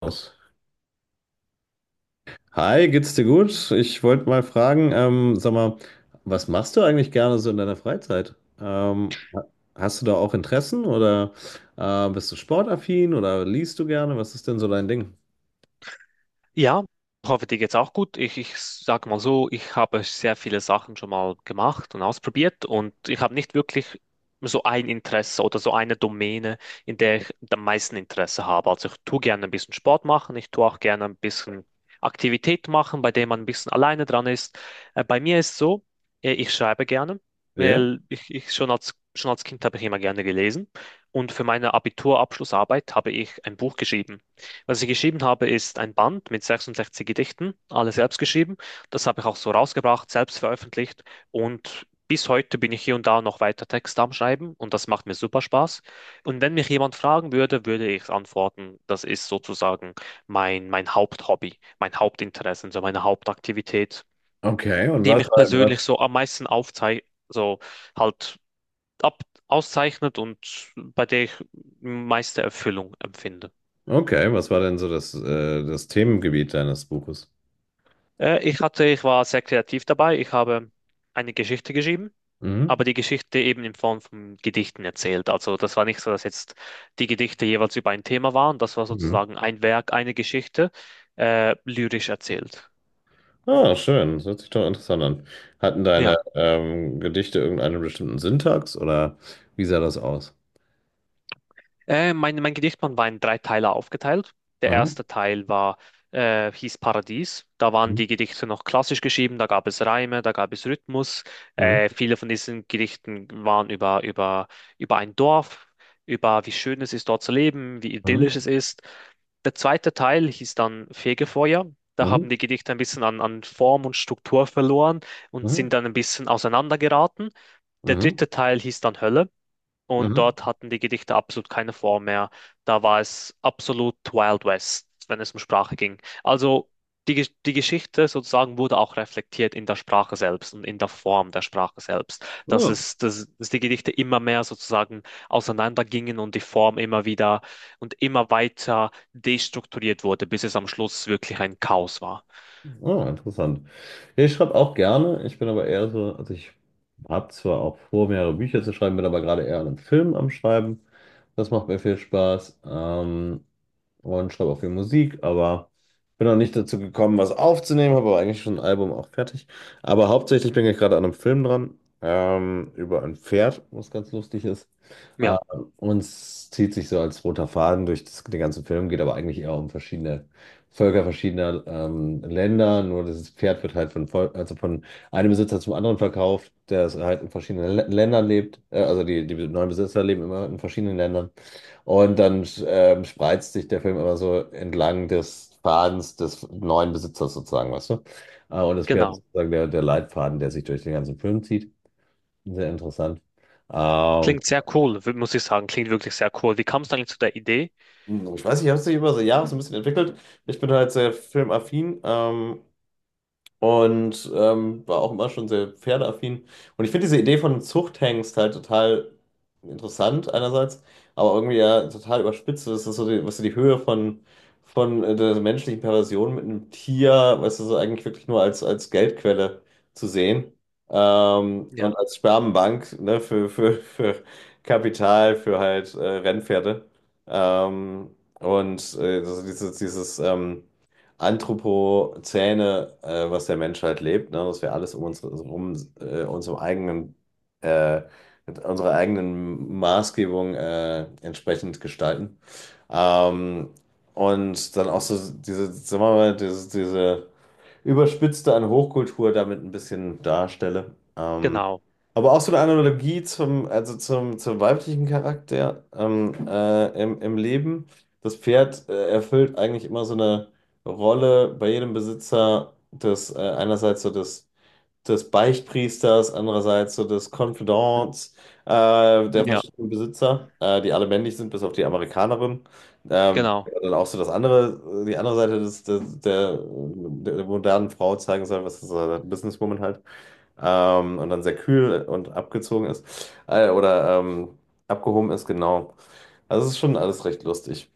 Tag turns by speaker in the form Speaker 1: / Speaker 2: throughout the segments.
Speaker 1: Aus. Hi, geht's dir gut? Ich wollte mal fragen, sag mal, was machst du eigentlich gerne so in deiner Freizeit? Hast du da auch Interessen oder bist du sportaffin oder liest du gerne? Was ist denn so dein Ding?
Speaker 2: Ja, hoffe, dir geht's auch gut. Ich sag mal so, ich habe sehr viele Sachen schon mal gemacht und ausprobiert und ich habe nicht wirklich so ein Interesse oder so eine Domäne, in der ich am meisten Interesse habe. Also ich tue gerne ein bisschen Sport machen, ich tue auch gerne ein bisschen Aktivität machen, bei der man ein bisschen alleine dran ist. Bei mir ist so, ich schreibe gerne,
Speaker 1: Ja,
Speaker 2: weil ich schon als Kind habe ich immer gerne gelesen und für meine Abiturabschlussarbeit habe ich ein Buch geschrieben. Was ich geschrieben habe, ist ein Band mit 66 Gedichten, alle selbst geschrieben. Das habe ich auch so rausgebracht, selbst veröffentlicht. Und bis heute bin ich hier und da noch weiter Texte am Schreiben und das macht mir super Spaß. Und wenn mich jemand fragen würde, würde ich antworten, das ist sozusagen mein Haupthobby, mein Hauptinteresse, so meine Hauptaktivität,
Speaker 1: okay. Und
Speaker 2: die mich persönlich so am meisten aufzei so halt ab auszeichnet und bei der ich meiste Erfüllung empfinde.
Speaker 1: okay, was war denn so das Themengebiet deines Buches?
Speaker 2: Ich war sehr kreativ dabei. Ich habe eine Geschichte geschrieben,
Speaker 1: Mhm.
Speaker 2: aber die Geschichte eben in Form von Gedichten erzählt. Also das war nicht so, dass jetzt die Gedichte jeweils über ein Thema waren. Das war
Speaker 1: Mhm.
Speaker 2: sozusagen ein Werk, eine Geschichte, lyrisch erzählt.
Speaker 1: Ah, schön. Das hört sich doch interessant an. Hatten deine
Speaker 2: Ja.
Speaker 1: Gedichte irgendeinen bestimmten Syntax oder wie sah das aus?
Speaker 2: Mein Gedichtband war in drei Teile aufgeteilt. Der
Speaker 1: Aha.
Speaker 2: erste Teil war, hieß Paradies. Da waren
Speaker 1: Mhm.
Speaker 2: die Gedichte noch klassisch geschrieben, da gab es Reime, da gab es Rhythmus.
Speaker 1: Mhm.
Speaker 2: Viele von diesen Gedichten waren über ein Dorf, über wie schön es ist, dort zu leben, wie
Speaker 1: Mhm.
Speaker 2: idyllisch es ist. Der zweite Teil hieß dann Fegefeuer. Da haben
Speaker 1: Mhm.
Speaker 2: die Gedichte ein bisschen an Form und Struktur verloren und
Speaker 1: Mhm.
Speaker 2: sind dann ein bisschen auseinandergeraten. Der
Speaker 1: Mhm.
Speaker 2: dritte Teil hieß dann Hölle. Und
Speaker 1: Mhm.
Speaker 2: dort hatten die Gedichte absolut keine Form mehr. Da war es absolut Wild West, wenn es um Sprache ging. Also die Geschichte sozusagen wurde auch reflektiert in der Sprache selbst und in der Form der Sprache selbst. Dass
Speaker 1: Ja.
Speaker 2: es, dass, dass die Gedichte immer mehr sozusagen auseinandergingen und die Form immer wieder und immer weiter destrukturiert wurde, bis es am Schluss wirklich ein Chaos war.
Speaker 1: Oh, interessant. Ja, ich schreibe auch gerne. Ich bin aber eher so, also ich habe zwar auch vor, mehrere Bücher zu schreiben, bin aber gerade eher an einem Film am Schreiben. Das macht mir viel Spaß. Und schreibe auch viel Musik, aber bin noch nicht dazu gekommen, was aufzunehmen, habe aber eigentlich schon ein Album auch fertig. Aber hauptsächlich bin ich gerade an einem Film dran, über ein Pferd, was ganz lustig ist. Ähm,
Speaker 2: Ja,
Speaker 1: und es zieht sich so als roter Faden durch den ganzen Film, geht aber eigentlich eher um verschiedene Völker verschiedener Länder. Nur dieses Pferd wird halt also von einem Besitzer zum anderen verkauft, der es halt in verschiedenen Ländern lebt. Also die neuen Besitzer leben immer in verschiedenen Ländern. Und dann spreizt sich der Film immer so entlang des Fadens des neuen Besitzers sozusagen, weißt du? Und das Pferd ist
Speaker 2: genau.
Speaker 1: sozusagen der Leitfaden, der sich durch den ganzen Film zieht. Sehr interessant. Ähm,
Speaker 2: Klingt sehr cool, muss ich sagen. Klingt wirklich sehr cool. Wie kam es eigentlich zu der Idee?
Speaker 1: Ich weiß nicht, ich habe es sich über die Jahre so ein bisschen entwickelt. Ich bin halt sehr filmaffin. Und war auch immer schon sehr pferdeaffin. Und ich finde diese Idee von einem Zuchthengst halt total interessant einerseits, aber irgendwie ja total überspitzt. Das ist so die, was die Höhe von der menschlichen Perversion mit einem Tier, weißt du, so eigentlich wirklich nur als Geldquelle zu sehen. Ähm,
Speaker 2: Ja,
Speaker 1: und als Spermenbank, ne, für Kapital, für halt Rennpferde. Ähm, also dieses Anthropozäne, was der Mensch halt lebt, ne? Dass wir alles um uns herum, äh, mit unserer eigenen Maßgebung entsprechend gestalten. Ähm, und dann auch so diese, sagen wir mal, diese überspitzte an Hochkultur damit ein bisschen darstelle. Ähm,
Speaker 2: genau.
Speaker 1: aber auch so eine Analogie zum weiblichen Charakter im Leben. Das Pferd erfüllt eigentlich immer so eine Rolle bei jedem Besitzer des einerseits so des Beichtpriesters, andererseits so des Confidants der
Speaker 2: Ja,
Speaker 1: verschiedenen Besitzer, die alle männlich sind, bis auf die Amerikanerin. Ähm,
Speaker 2: genau.
Speaker 1: dann auch so die andere Seite der modernen Frau zeigen soll, was ist das, Businesswoman halt und dann sehr kühl und abgezogen ist oder abgehoben ist, genau. Also es ist schon alles recht lustig.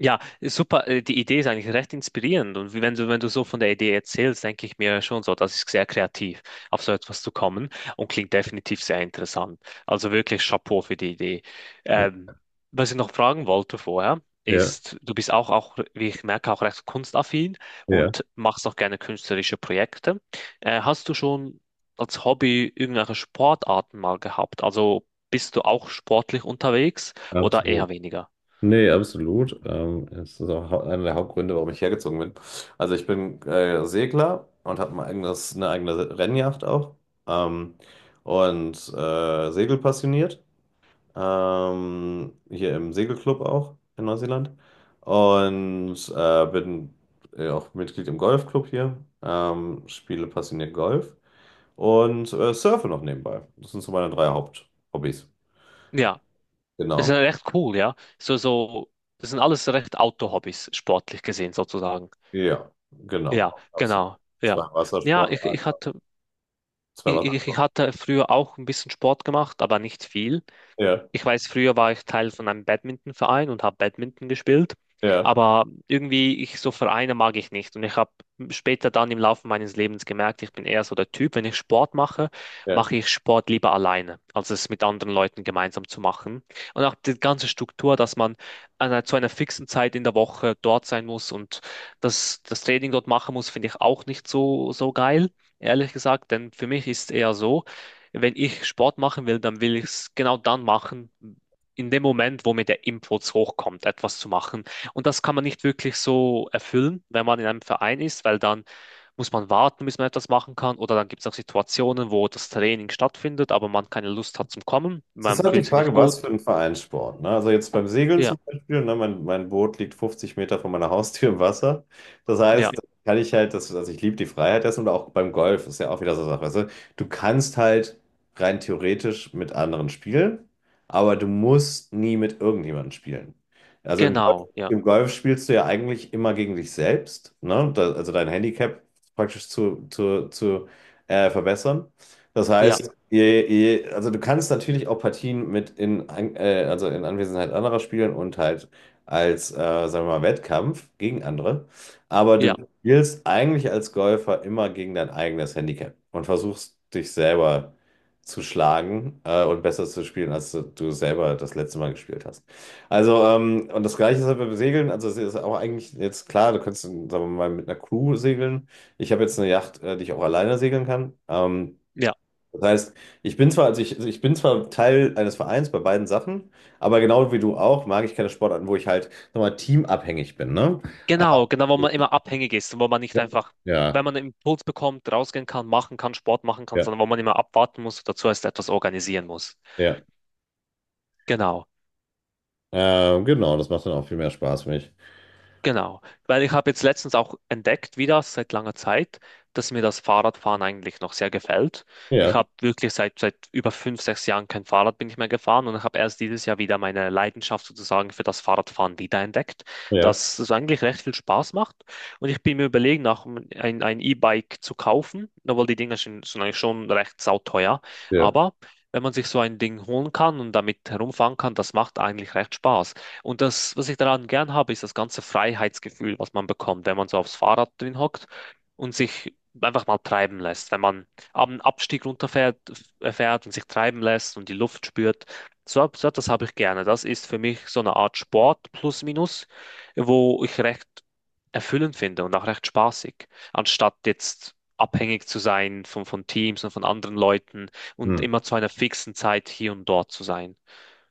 Speaker 2: Ja, ist super. Die Idee ist eigentlich recht inspirierend. Und wenn du so von der Idee erzählst, denke ich mir schon so, das ist sehr kreativ, auf so etwas zu kommen und klingt definitiv sehr interessant. Also wirklich Chapeau für die Idee. Ähm, Was ich noch fragen wollte vorher,
Speaker 1: Ja,
Speaker 2: ist, du bist wie ich merke, auch recht kunstaffin
Speaker 1: ja,
Speaker 2: und machst auch gerne künstlerische Projekte. Hast du schon als Hobby irgendwelche Sportarten mal gehabt? Also bist du auch sportlich unterwegs oder eher
Speaker 1: absolut.
Speaker 2: weniger?
Speaker 1: Nee, absolut. Es ist auch einer der Hauptgründe, warum ich hergezogen bin. Also ich bin Segler und habe eine eigene Rennjacht auch ähm, und segelpassioniert. Hier im Segelclub auch in Neuseeland und bin auch Mitglied im Golfclub hier, spiele passioniert Golf und surfe noch nebenbei. Das sind so meine drei Haupthobbys.
Speaker 2: Ja, es ist
Speaker 1: Genau,
Speaker 2: recht cool, ja. Das sind alles recht Outdoor-Hobbys, sportlich gesehen sozusagen.
Speaker 1: ja,
Speaker 2: Ja,
Speaker 1: genau, absolut.
Speaker 2: genau,
Speaker 1: Zwei
Speaker 2: ja. Ja, ich, ich
Speaker 1: Wassersportarten,
Speaker 2: hatte,
Speaker 1: zwei
Speaker 2: ich
Speaker 1: Wassersportarten.
Speaker 2: hatte früher auch ein bisschen Sport gemacht, aber nicht viel.
Speaker 1: Ja,
Speaker 2: Ich weiß, früher war ich Teil von einem Badmintonverein und habe Badminton gespielt,
Speaker 1: ja,
Speaker 2: aber irgendwie ich so Vereine mag ich nicht und ich habe später dann im Laufe meines Lebens gemerkt, ich bin eher so der Typ, wenn ich Sport mache,
Speaker 1: ja.
Speaker 2: mache ich Sport lieber alleine, als es mit anderen Leuten gemeinsam zu machen. Und auch die ganze Struktur, dass man zu einer fixen Zeit in der Woche dort sein muss und das Training dort machen muss, finde ich auch nicht so geil. Ehrlich gesagt, denn für mich ist es eher so, wenn ich Sport machen will, dann will ich es genau dann machen, in dem Moment, wo mir der Impuls hochkommt, etwas zu machen. Und das kann man nicht wirklich so erfüllen, wenn man in einem Verein ist, weil dann muss man warten, bis man etwas machen kann. Oder dann gibt es auch Situationen, wo das Training stattfindet, aber man keine Lust hat zum Kommen.
Speaker 1: Es ist
Speaker 2: Man
Speaker 1: halt die
Speaker 2: fühlt sich nicht
Speaker 1: Frage,
Speaker 2: gut.
Speaker 1: was für ein Vereinssport. Ne? Also jetzt beim Segeln
Speaker 2: Ja,
Speaker 1: zum Beispiel, ne? Mein Boot liegt 50 Meter von meiner Haustür im Wasser. Das
Speaker 2: ja,
Speaker 1: heißt, da kann ich halt, also ich liebe die Freiheit dessen und auch beim Golf ist ja auch wieder so eine Sache. Weißt du? Du kannst halt rein theoretisch mit anderen spielen, aber du musst nie mit irgendjemandem spielen. Also im Golf,
Speaker 2: genau, ja,
Speaker 1: im Golf spielst du ja eigentlich immer gegen dich selbst, ne? Da, also dein Handicap praktisch zu verbessern. Das
Speaker 2: ja,
Speaker 1: heißt, also du kannst natürlich auch Partien mit also in Anwesenheit anderer spielen und halt als, sagen wir mal, Wettkampf gegen andere. Aber
Speaker 2: ja,
Speaker 1: du spielst eigentlich als Golfer immer gegen dein eigenes Handicap und versuchst dich selber zu schlagen, und besser zu spielen, als du selber das letzte Mal gespielt hast. Also, das Gleiche ist halt beim Segeln. Also es ist auch eigentlich jetzt klar, du kannst, sagen wir mal, mit einer Crew segeln. Ich habe jetzt eine Yacht, die ich auch alleine segeln kann. Ähm,
Speaker 2: ja.
Speaker 1: das heißt, ich bin zwar, also ich bin zwar Teil eines Vereins bei beiden Sachen, aber genau wie du auch, mag ich keine Sportarten, wo ich halt nochmal teamabhängig bin, ne? Ähm,
Speaker 2: Genau, wo man immer abhängig ist und wo man nicht einfach, wenn
Speaker 1: Ja,
Speaker 2: man einen Impuls bekommt, rausgehen kann, machen kann, Sport machen kann,
Speaker 1: ja,
Speaker 2: sondern wo man immer abwarten muss, dazu heißt etwas organisieren muss.
Speaker 1: ja.
Speaker 2: Genau.
Speaker 1: Genau, das macht dann auch viel mehr Spaß für mich.
Speaker 2: Genau, weil ich habe jetzt letztens auch entdeckt, wieder seit langer Zeit, dass mir das Fahrradfahren eigentlich noch sehr gefällt. Ich
Speaker 1: Ja,
Speaker 2: habe wirklich seit über fünf, sechs Jahren kein Fahrrad bin ich mehr gefahren und ich habe erst dieses Jahr wieder meine Leidenschaft sozusagen für das Fahrradfahren wiederentdeckt,
Speaker 1: ja,
Speaker 2: dass es eigentlich recht viel Spaß macht. Und ich bin mir überlegen, auch ein E-Bike zu kaufen, obwohl die Dinger sind eigentlich schon recht sauteuer.
Speaker 1: ja.
Speaker 2: Aber wenn man sich so ein Ding holen kann und damit herumfahren kann, das macht eigentlich recht Spaß. Und das, was ich daran gern habe, ist das ganze Freiheitsgefühl, was man bekommt, wenn man so aufs Fahrrad drin hockt und sich einfach mal treiben lässt. Wenn man am Abstieg runterfährt fährt und sich treiben lässt und die Luft spürt. So etwas habe ich gerne. Das ist für mich so eine Art Sport plus minus, wo ich recht erfüllend finde und auch recht spaßig, anstatt jetzt abhängig zu sein von Teams und von anderen Leuten und
Speaker 1: Hm.
Speaker 2: immer zu einer fixen Zeit hier und dort zu sein.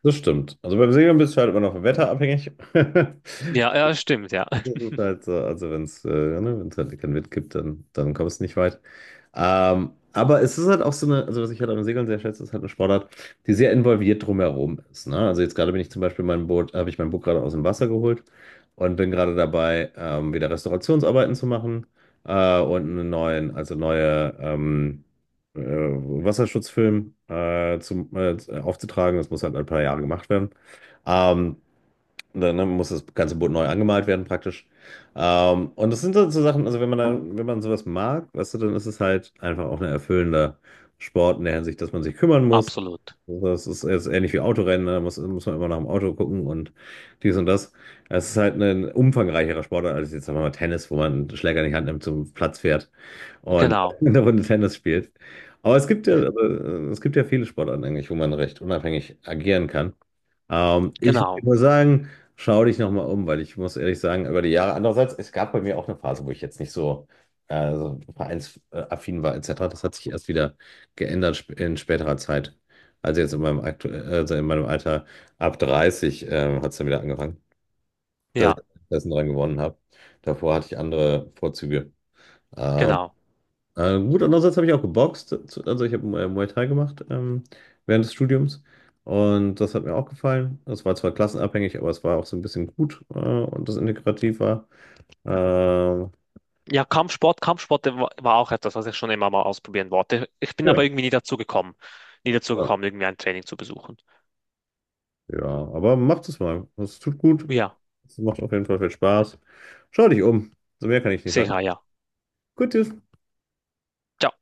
Speaker 1: Das stimmt. Also beim Segeln bist du halt immer noch vom Wetter abhängig.
Speaker 2: Ja, ja, stimmt, ja,
Speaker 1: Das ist halt so, also wenn es ja, ne, wenn's halt keinen Wind gibt, dann kommst du nicht weit. Aber es ist halt auch also was ich halt am Segeln sehr schätze, ist halt eine Sportart, die sehr involviert drumherum ist. Ne? Also jetzt gerade bin ich zum Beispiel habe ich mein Boot gerade aus dem Wasser geholt und bin gerade dabei, wieder Restaurationsarbeiten zu machen und einen neuen, also neue Wasserschutzfilm zum, aufzutragen. Das muss halt ein paar Jahre gemacht werden. Ähm, dann ne, muss das ganze Boot neu angemalt werden, praktisch. Und das sind dann so Sachen, also wenn man sowas mag, weißt du, dann ist es halt einfach auch ein erfüllender Sport in der Hinsicht, dass man sich kümmern muss.
Speaker 2: absolut.
Speaker 1: Das ist jetzt ähnlich wie Autorennen, ne, da muss man immer nach dem Auto gucken und dies und das. Es ist halt ein umfangreicherer Sportart als jetzt sagen wir mal Tennis, wo man einen Schläger in die Hand nimmt, zum Platz fährt und
Speaker 2: Genau,
Speaker 1: eine Runde Tennis spielt. Aber es gibt ja viele Sportarten eigentlich, wo man recht unabhängig agieren kann. Ich würde
Speaker 2: genau,
Speaker 1: nur sagen, schau dich nochmal um, weil ich muss ehrlich sagen, über die Jahre, andererseits, es gab bei mir auch eine Phase, wo ich jetzt nicht so vereinsaffin war, etc. Das hat sich erst wieder geändert in späterer Zeit. Also jetzt in meinem, aktu also in meinem Alter ab 30 hat es dann wieder angefangen, dass
Speaker 2: ja,
Speaker 1: ich Interessen dran gewonnen habe. Davor hatte ich andere Vorzüge. Ähm,
Speaker 2: genau.
Speaker 1: gut, andererseits habe ich auch geboxt. Also ich habe Muay Thai gemacht während des Studiums. Und das hat mir auch gefallen. Das war zwar klassenabhängig, aber es war auch so ein bisschen gut und das integrativ war. Ja,
Speaker 2: Ja, Kampfsport war auch etwas, was ich schon immer mal ausprobieren wollte. Ich bin aber
Speaker 1: ja,
Speaker 2: irgendwie nie dazu gekommen, nie dazu gekommen, irgendwie ein Training zu besuchen.
Speaker 1: ja, aber macht es mal. Es tut gut.
Speaker 2: Ja,
Speaker 1: Es macht auf jeden Fall viel Spaß. Schau dich um. So mehr kann ich nicht sagen.
Speaker 2: sicher, ja.
Speaker 1: Gut, tschüss.
Speaker 2: Ciao.